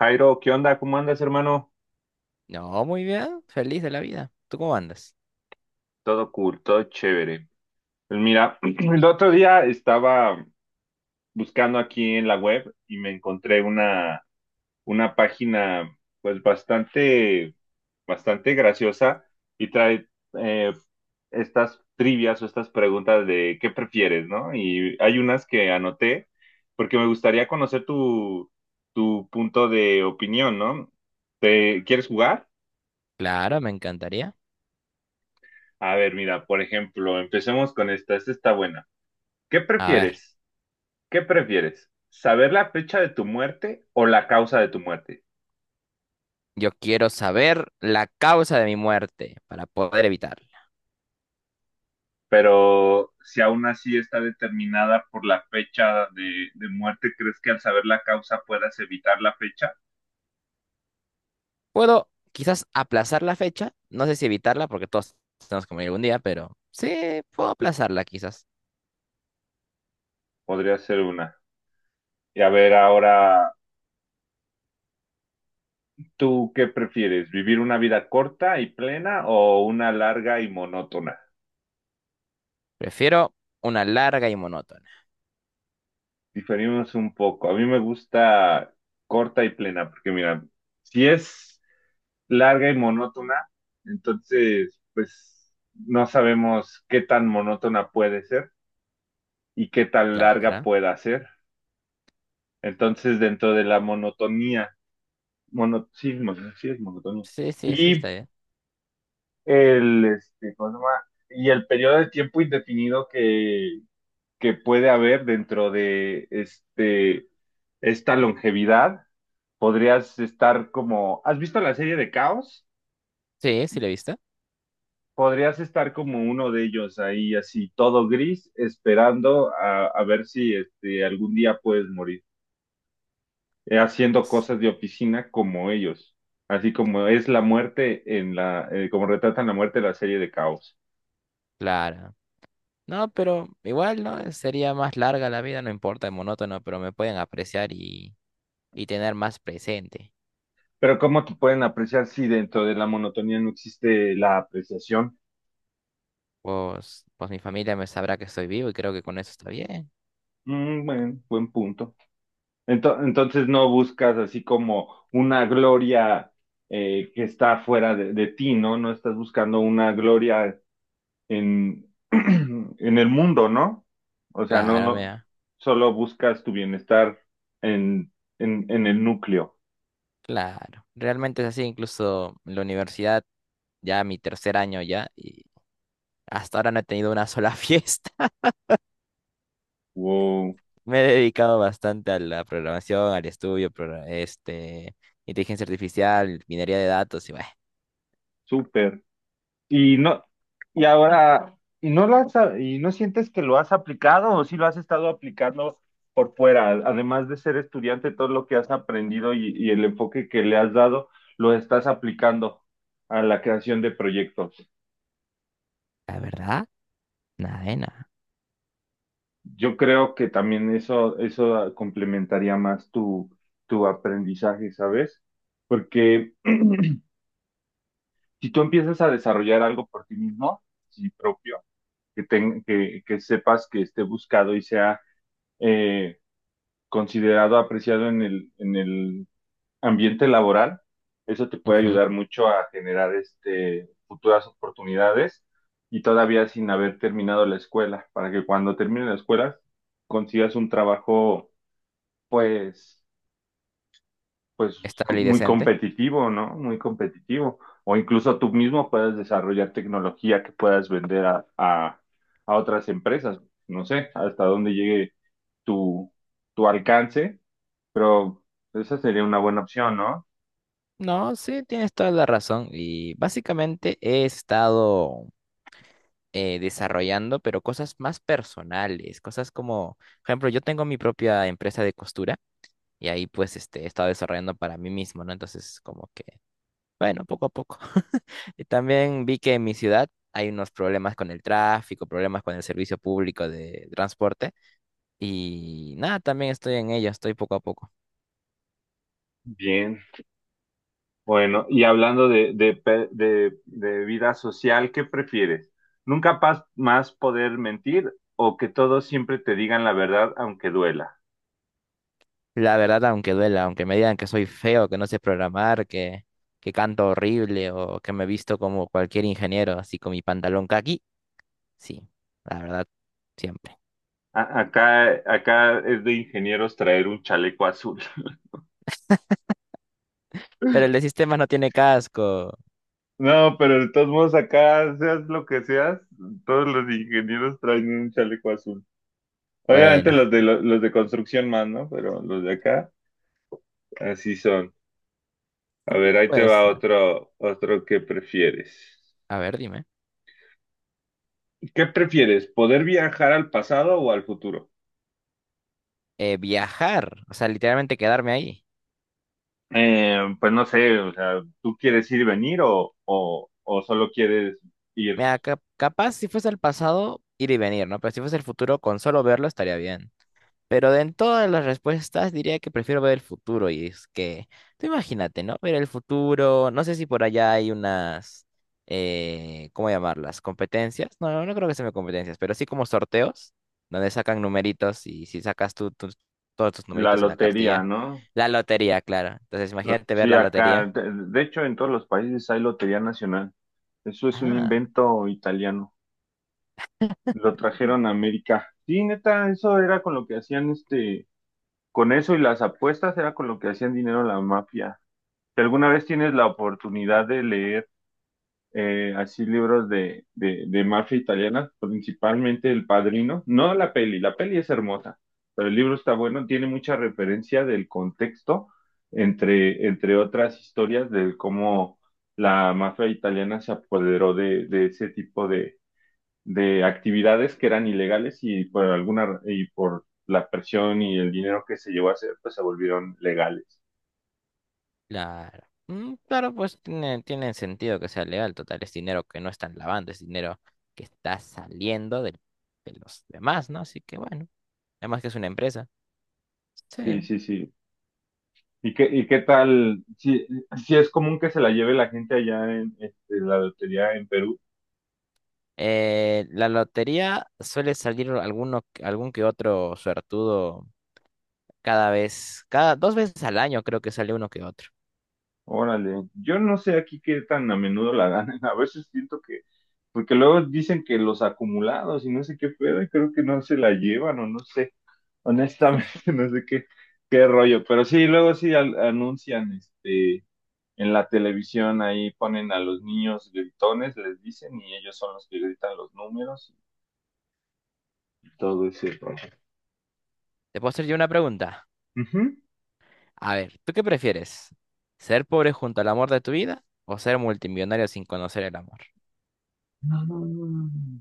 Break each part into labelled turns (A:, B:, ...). A: Jairo, ¿qué onda? ¿Cómo andas, hermano?
B: No, muy bien, feliz de la vida. ¿Tú cómo andas?
A: Todo cool, todo chévere. Pues mira, el otro día estaba buscando aquí en la web y me encontré una página pues bastante graciosa y trae eh, estas trivias o estas preguntas de qué prefieres, ¿no? Y hay unas que anoté porque me gustaría conocer tu punto de opinión, ¿no? ¿Te quieres jugar?
B: Claro, me encantaría.
A: A ver, mira, por ejemplo, empecemos con esta. Esta está buena. ¿Qué
B: A ver,
A: prefieres? ¿Qué prefieres? ¿Saber la fecha de tu muerte o la causa de tu muerte?
B: yo quiero saber la causa de mi muerte para poder evitarla.
A: Pero si aún así está determinada por la fecha de muerte, ¿crees que al saber la causa puedas evitar la fecha?
B: Puedo quizás aplazar la fecha, no sé si evitarla porque todos tenemos que morir algún día, pero sí, puedo aplazarla quizás.
A: Podría ser una. Y a ver, ahora, ¿tú qué prefieres? ¿Vivir una vida corta y plena o una larga y monótona?
B: Prefiero una larga y monótona.
A: Diferimos un poco. A mí me gusta corta y plena, porque mira, si es larga y monótona, entonces pues no sabemos qué tan monótona puede ser y qué tan larga
B: Claro.
A: pueda ser. Entonces dentro de la monotonía, mono, sí, sí es monotonía.
B: Sí, sí, sí, está
A: Y
B: bien.
A: ¿cómo se llama? Y el periodo de tiempo indefinido que puede haber dentro de esta longevidad, podrías estar como, ¿has visto la serie de Caos?
B: Sí, sí, lo he visto.
A: Podrías estar como uno de ellos ahí, así todo gris, esperando a ver si este, algún día puedes morir, haciendo
B: Pues,
A: cosas de oficina como ellos, así como es la muerte en como retratan la muerte en la serie de Caos.
B: claro. No, pero igual, ¿no? Sería más larga la vida, no importa, monótono, pero me pueden apreciar y tener más presente.
A: Pero ¿cómo te pueden apreciar si dentro de la monotonía no existe la apreciación?
B: Pues mi familia me sabrá que estoy vivo y creo que con eso está bien.
A: Mm, bueno, buen punto. Entonces no buscas así como una gloria que está fuera de ti, ¿no? No estás buscando una gloria en el mundo, ¿no? O sea, no,
B: Claro,
A: no,
B: mira,
A: solo buscas tu bienestar en, en el núcleo.
B: claro. Realmente es así, incluso en la universidad, ya mi tercer año ya, y hasta ahora no he tenido una sola fiesta.
A: Wow,
B: Me he dedicado bastante a la programación, al estudio, inteligencia artificial, minería de datos y bueno,
A: súper. Y no, y ahora, ¿y no y no sientes que lo has aplicado o si lo has estado aplicando por fuera? Además de ser estudiante, todo lo que has aprendido y el enfoque que le has dado, lo estás aplicando a la creación de proyectos.
B: la verdad, nada de nada.
A: Yo creo que también eso complementaría más tu aprendizaje, ¿sabes? Porque si tú empiezas a desarrollar algo por ti mismo, sí propio, que sepas que esté buscado y sea eh, considerado, apreciado en en el ambiente laboral, eso te puede
B: Ujú.
A: ayudar mucho a generar este, futuras oportunidades y todavía sin haber terminado la escuela, para que cuando termine la escuela consigas un trabajo pues, pues
B: Estable y
A: muy
B: decente.
A: competitivo, ¿no? Muy competitivo. O incluso tú mismo puedas desarrollar tecnología que puedas vender a otras empresas. No sé hasta dónde llegue tu, tu alcance, pero esa sería una buena opción, ¿no?
B: No, sí, tienes toda la razón. Y básicamente he estado desarrollando, pero cosas más personales, cosas como, por ejemplo, yo tengo mi propia empresa de costura y ahí pues he estado desarrollando para mí mismo, ¿no? Entonces, como que, bueno, poco a poco. Y también vi que en mi ciudad hay unos problemas con el tráfico, problemas con el servicio público de transporte y nada, también estoy en ello, estoy poco a poco.
A: Bien. Bueno, y hablando de vida social, ¿qué prefieres? ¿Nunca pas- más poder mentir o que todos siempre te digan la verdad aunque duela?
B: La verdad, aunque duela, aunque me digan que soy feo, que no sé programar, que canto horrible o que me he visto como cualquier ingeniero, así con mi pantalón caqui. Sí, la verdad, siempre.
A: Acá es de ingenieros traer un chaleco azul.
B: Pero el de sistemas no tiene casco.
A: No, pero de todos modos acá, seas lo que seas, todos los ingenieros traen un chaleco azul. Obviamente
B: Bueno,
A: los los de construcción más, ¿no? Pero los de acá, así son. A ver, ahí te va
B: pues,
A: otro, otro que prefieres.
B: a ver, dime.
A: ¿Qué prefieres? ¿Poder viajar al pasado o al futuro?
B: Viajar, o sea, literalmente quedarme ahí.
A: Pues no sé, o sea, ¿tú quieres ir y venir o solo quieres ir
B: Mira, capaz si fuese el pasado, ir y venir, ¿no? Pero si fuese el futuro, con solo verlo estaría bien. Pero de en todas las respuestas diría que prefiero ver el futuro y es que, tú imagínate, ¿no? Ver el futuro, no sé si por allá hay unas, ¿cómo llamarlas? ¿Competencias? No, no creo que sean competencias, pero sí como sorteos, donde sacan numeritos y si sacas tú todos tus
A: la
B: numeritos en la
A: lotería,
B: cartilla,
A: ¿no?
B: la lotería, claro. Entonces
A: Lo-
B: imagínate ver
A: Sí,
B: la
A: acá,
B: lotería.
A: de hecho en todos los países hay Lotería Nacional. Eso es un
B: Ah.
A: invento italiano. Lo trajeron a América. Sí, neta, eso era con lo que hacían este, con eso y las apuestas era con lo que hacían dinero la mafia. Si alguna vez tienes la oportunidad de leer así libros de mafia italiana, principalmente El Padrino, no la peli, la peli es hermosa, pero el libro está bueno, tiene mucha referencia del contexto, entre otras historias de cómo la mafia italiana se apoderó de ese tipo de actividades que eran ilegales y por alguna, y por la presión y el dinero que se llevó a hacer, pues se volvieron legales.
B: Claro. Mm, claro, pues tiene sentido que sea legal. Total, es dinero que no están lavando, es dinero que está saliendo de los demás, ¿no? Así que bueno, además que es una empresa.
A: Sí,
B: Sí.
A: sí, sí. ¿Y y qué tal? Si, si es común que se la lleve la gente allá en este, la lotería en Perú.
B: La lotería suele salir algún que otro suertudo cada dos veces al año, creo que sale uno que otro.
A: Órale, yo no sé aquí qué tan a menudo la ganan. A veces porque luego dicen que los acumulados y no sé qué pedo, y creo que no se la llevan o no sé. Honestamente, no sé qué rollo. Pero sí, luego sí anuncian este, en la televisión, ahí ponen a los niños gritones, les dicen, y ellos son los que gritan los números y todo ese
B: ¿Te puedo hacer yo una pregunta?
A: rollo.
B: A ver, ¿tú qué prefieres? ¿Ser pobre junto al amor de tu vida o ser multimillonario sin conocer el amor?
A: Mm.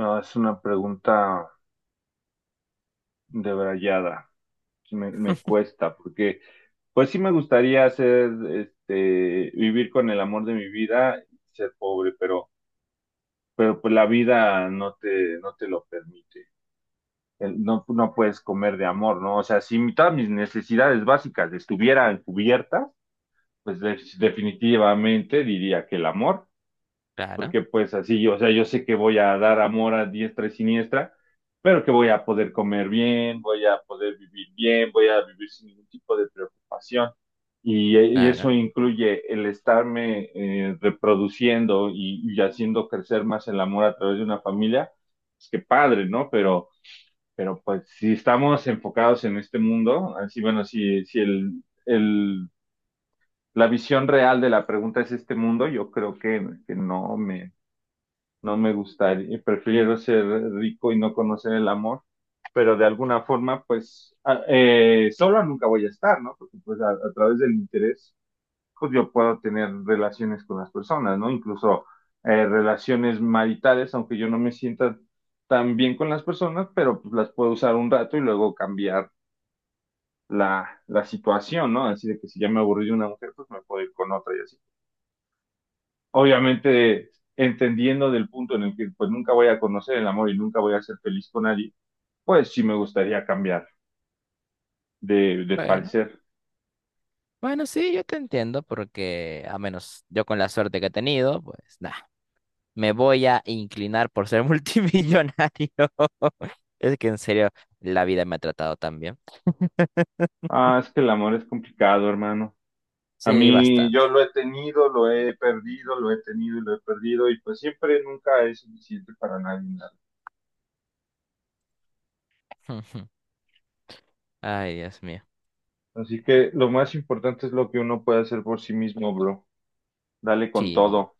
A: No, es una pregunta debrayada. Sí. Me cuesta, porque pues sí me gustaría hacer, este, vivir con el amor de mi vida y ser pobre, pero pues la vida no te lo permite. El- No, no puedes comer de amor, ¿no? O sea, si mi- todas mis necesidades básicas estuvieran cubiertas, pues definitivamente diría que el amor.
B: Claro,
A: Porque pues así yo, o sea, yo sé que voy a dar amor a diestra y siniestra, pero que voy a poder comer bien, voy a poder vivir bien, voy a vivir sin ningún tipo de preocupación. Y eso
B: claro.
A: incluye el estarme reproduciendo y haciendo crecer más el amor a través de una familia. Es que padre, ¿no? Pero pues si estamos enfocados en este mundo, así bueno, si, si el, el, la visión real de la pregunta es este mundo, yo creo que no me no me gustaría, prefiero ser rico y no conocer el amor, pero de alguna forma, pues, solo nunca voy a estar, ¿no? Porque pues a través del interés, pues yo puedo tener relaciones con las personas, ¿no? Incluso relaciones maritales, aunque yo no me sienta tan bien con las personas, pero pues las puedo usar un rato y luego cambiar la situación, ¿no? Así de que si ya me aburrí de una mujer, pues me puedo ir con otra y así obviamente entendiendo del punto en el que pues nunca voy a conocer el amor y nunca voy a ser feliz con nadie, pues sí me gustaría cambiar de
B: Bueno.
A: parecer.
B: Bueno, sí, yo te entiendo porque a menos yo con la suerte que he tenido, pues nada, me voy a inclinar por ser multimillonario. Es que en serio, la vida me ha tratado tan bien.
A: Ah, es que el amor es complicado, hermano. A
B: Sí,
A: mí yo
B: bastante.
A: lo he tenido, lo he perdido, lo he tenido y lo he perdido y pues siempre nunca es suficiente para nadie. Nada.
B: Ay, Dios mío.
A: Así que lo más importante es lo que uno puede hacer por sí mismo, bro. Dale con
B: Sí,
A: todo.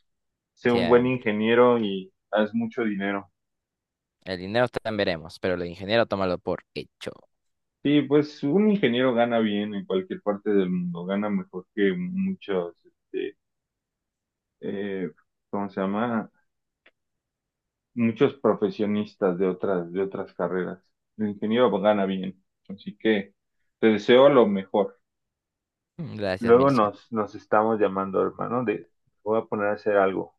A: Sé un buen
B: siempre.
A: ingeniero y haz mucho dinero.
B: El dinero también veremos, pero el ingeniero tómalo por hecho.
A: Sí, pues un ingeniero gana bien en cualquier parte del mundo, gana mejor que muchos, este, eh, ¿cómo se llama? Muchos profesionistas de otras carreras. El ingeniero gana bien, así que te deseo lo mejor.
B: Gracias,
A: Luego
B: Mircea.
A: nos estamos llamando, hermano, de voy a poner a hacer algo.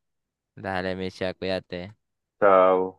B: Dale, Mircea, cuídate.
A: Chao.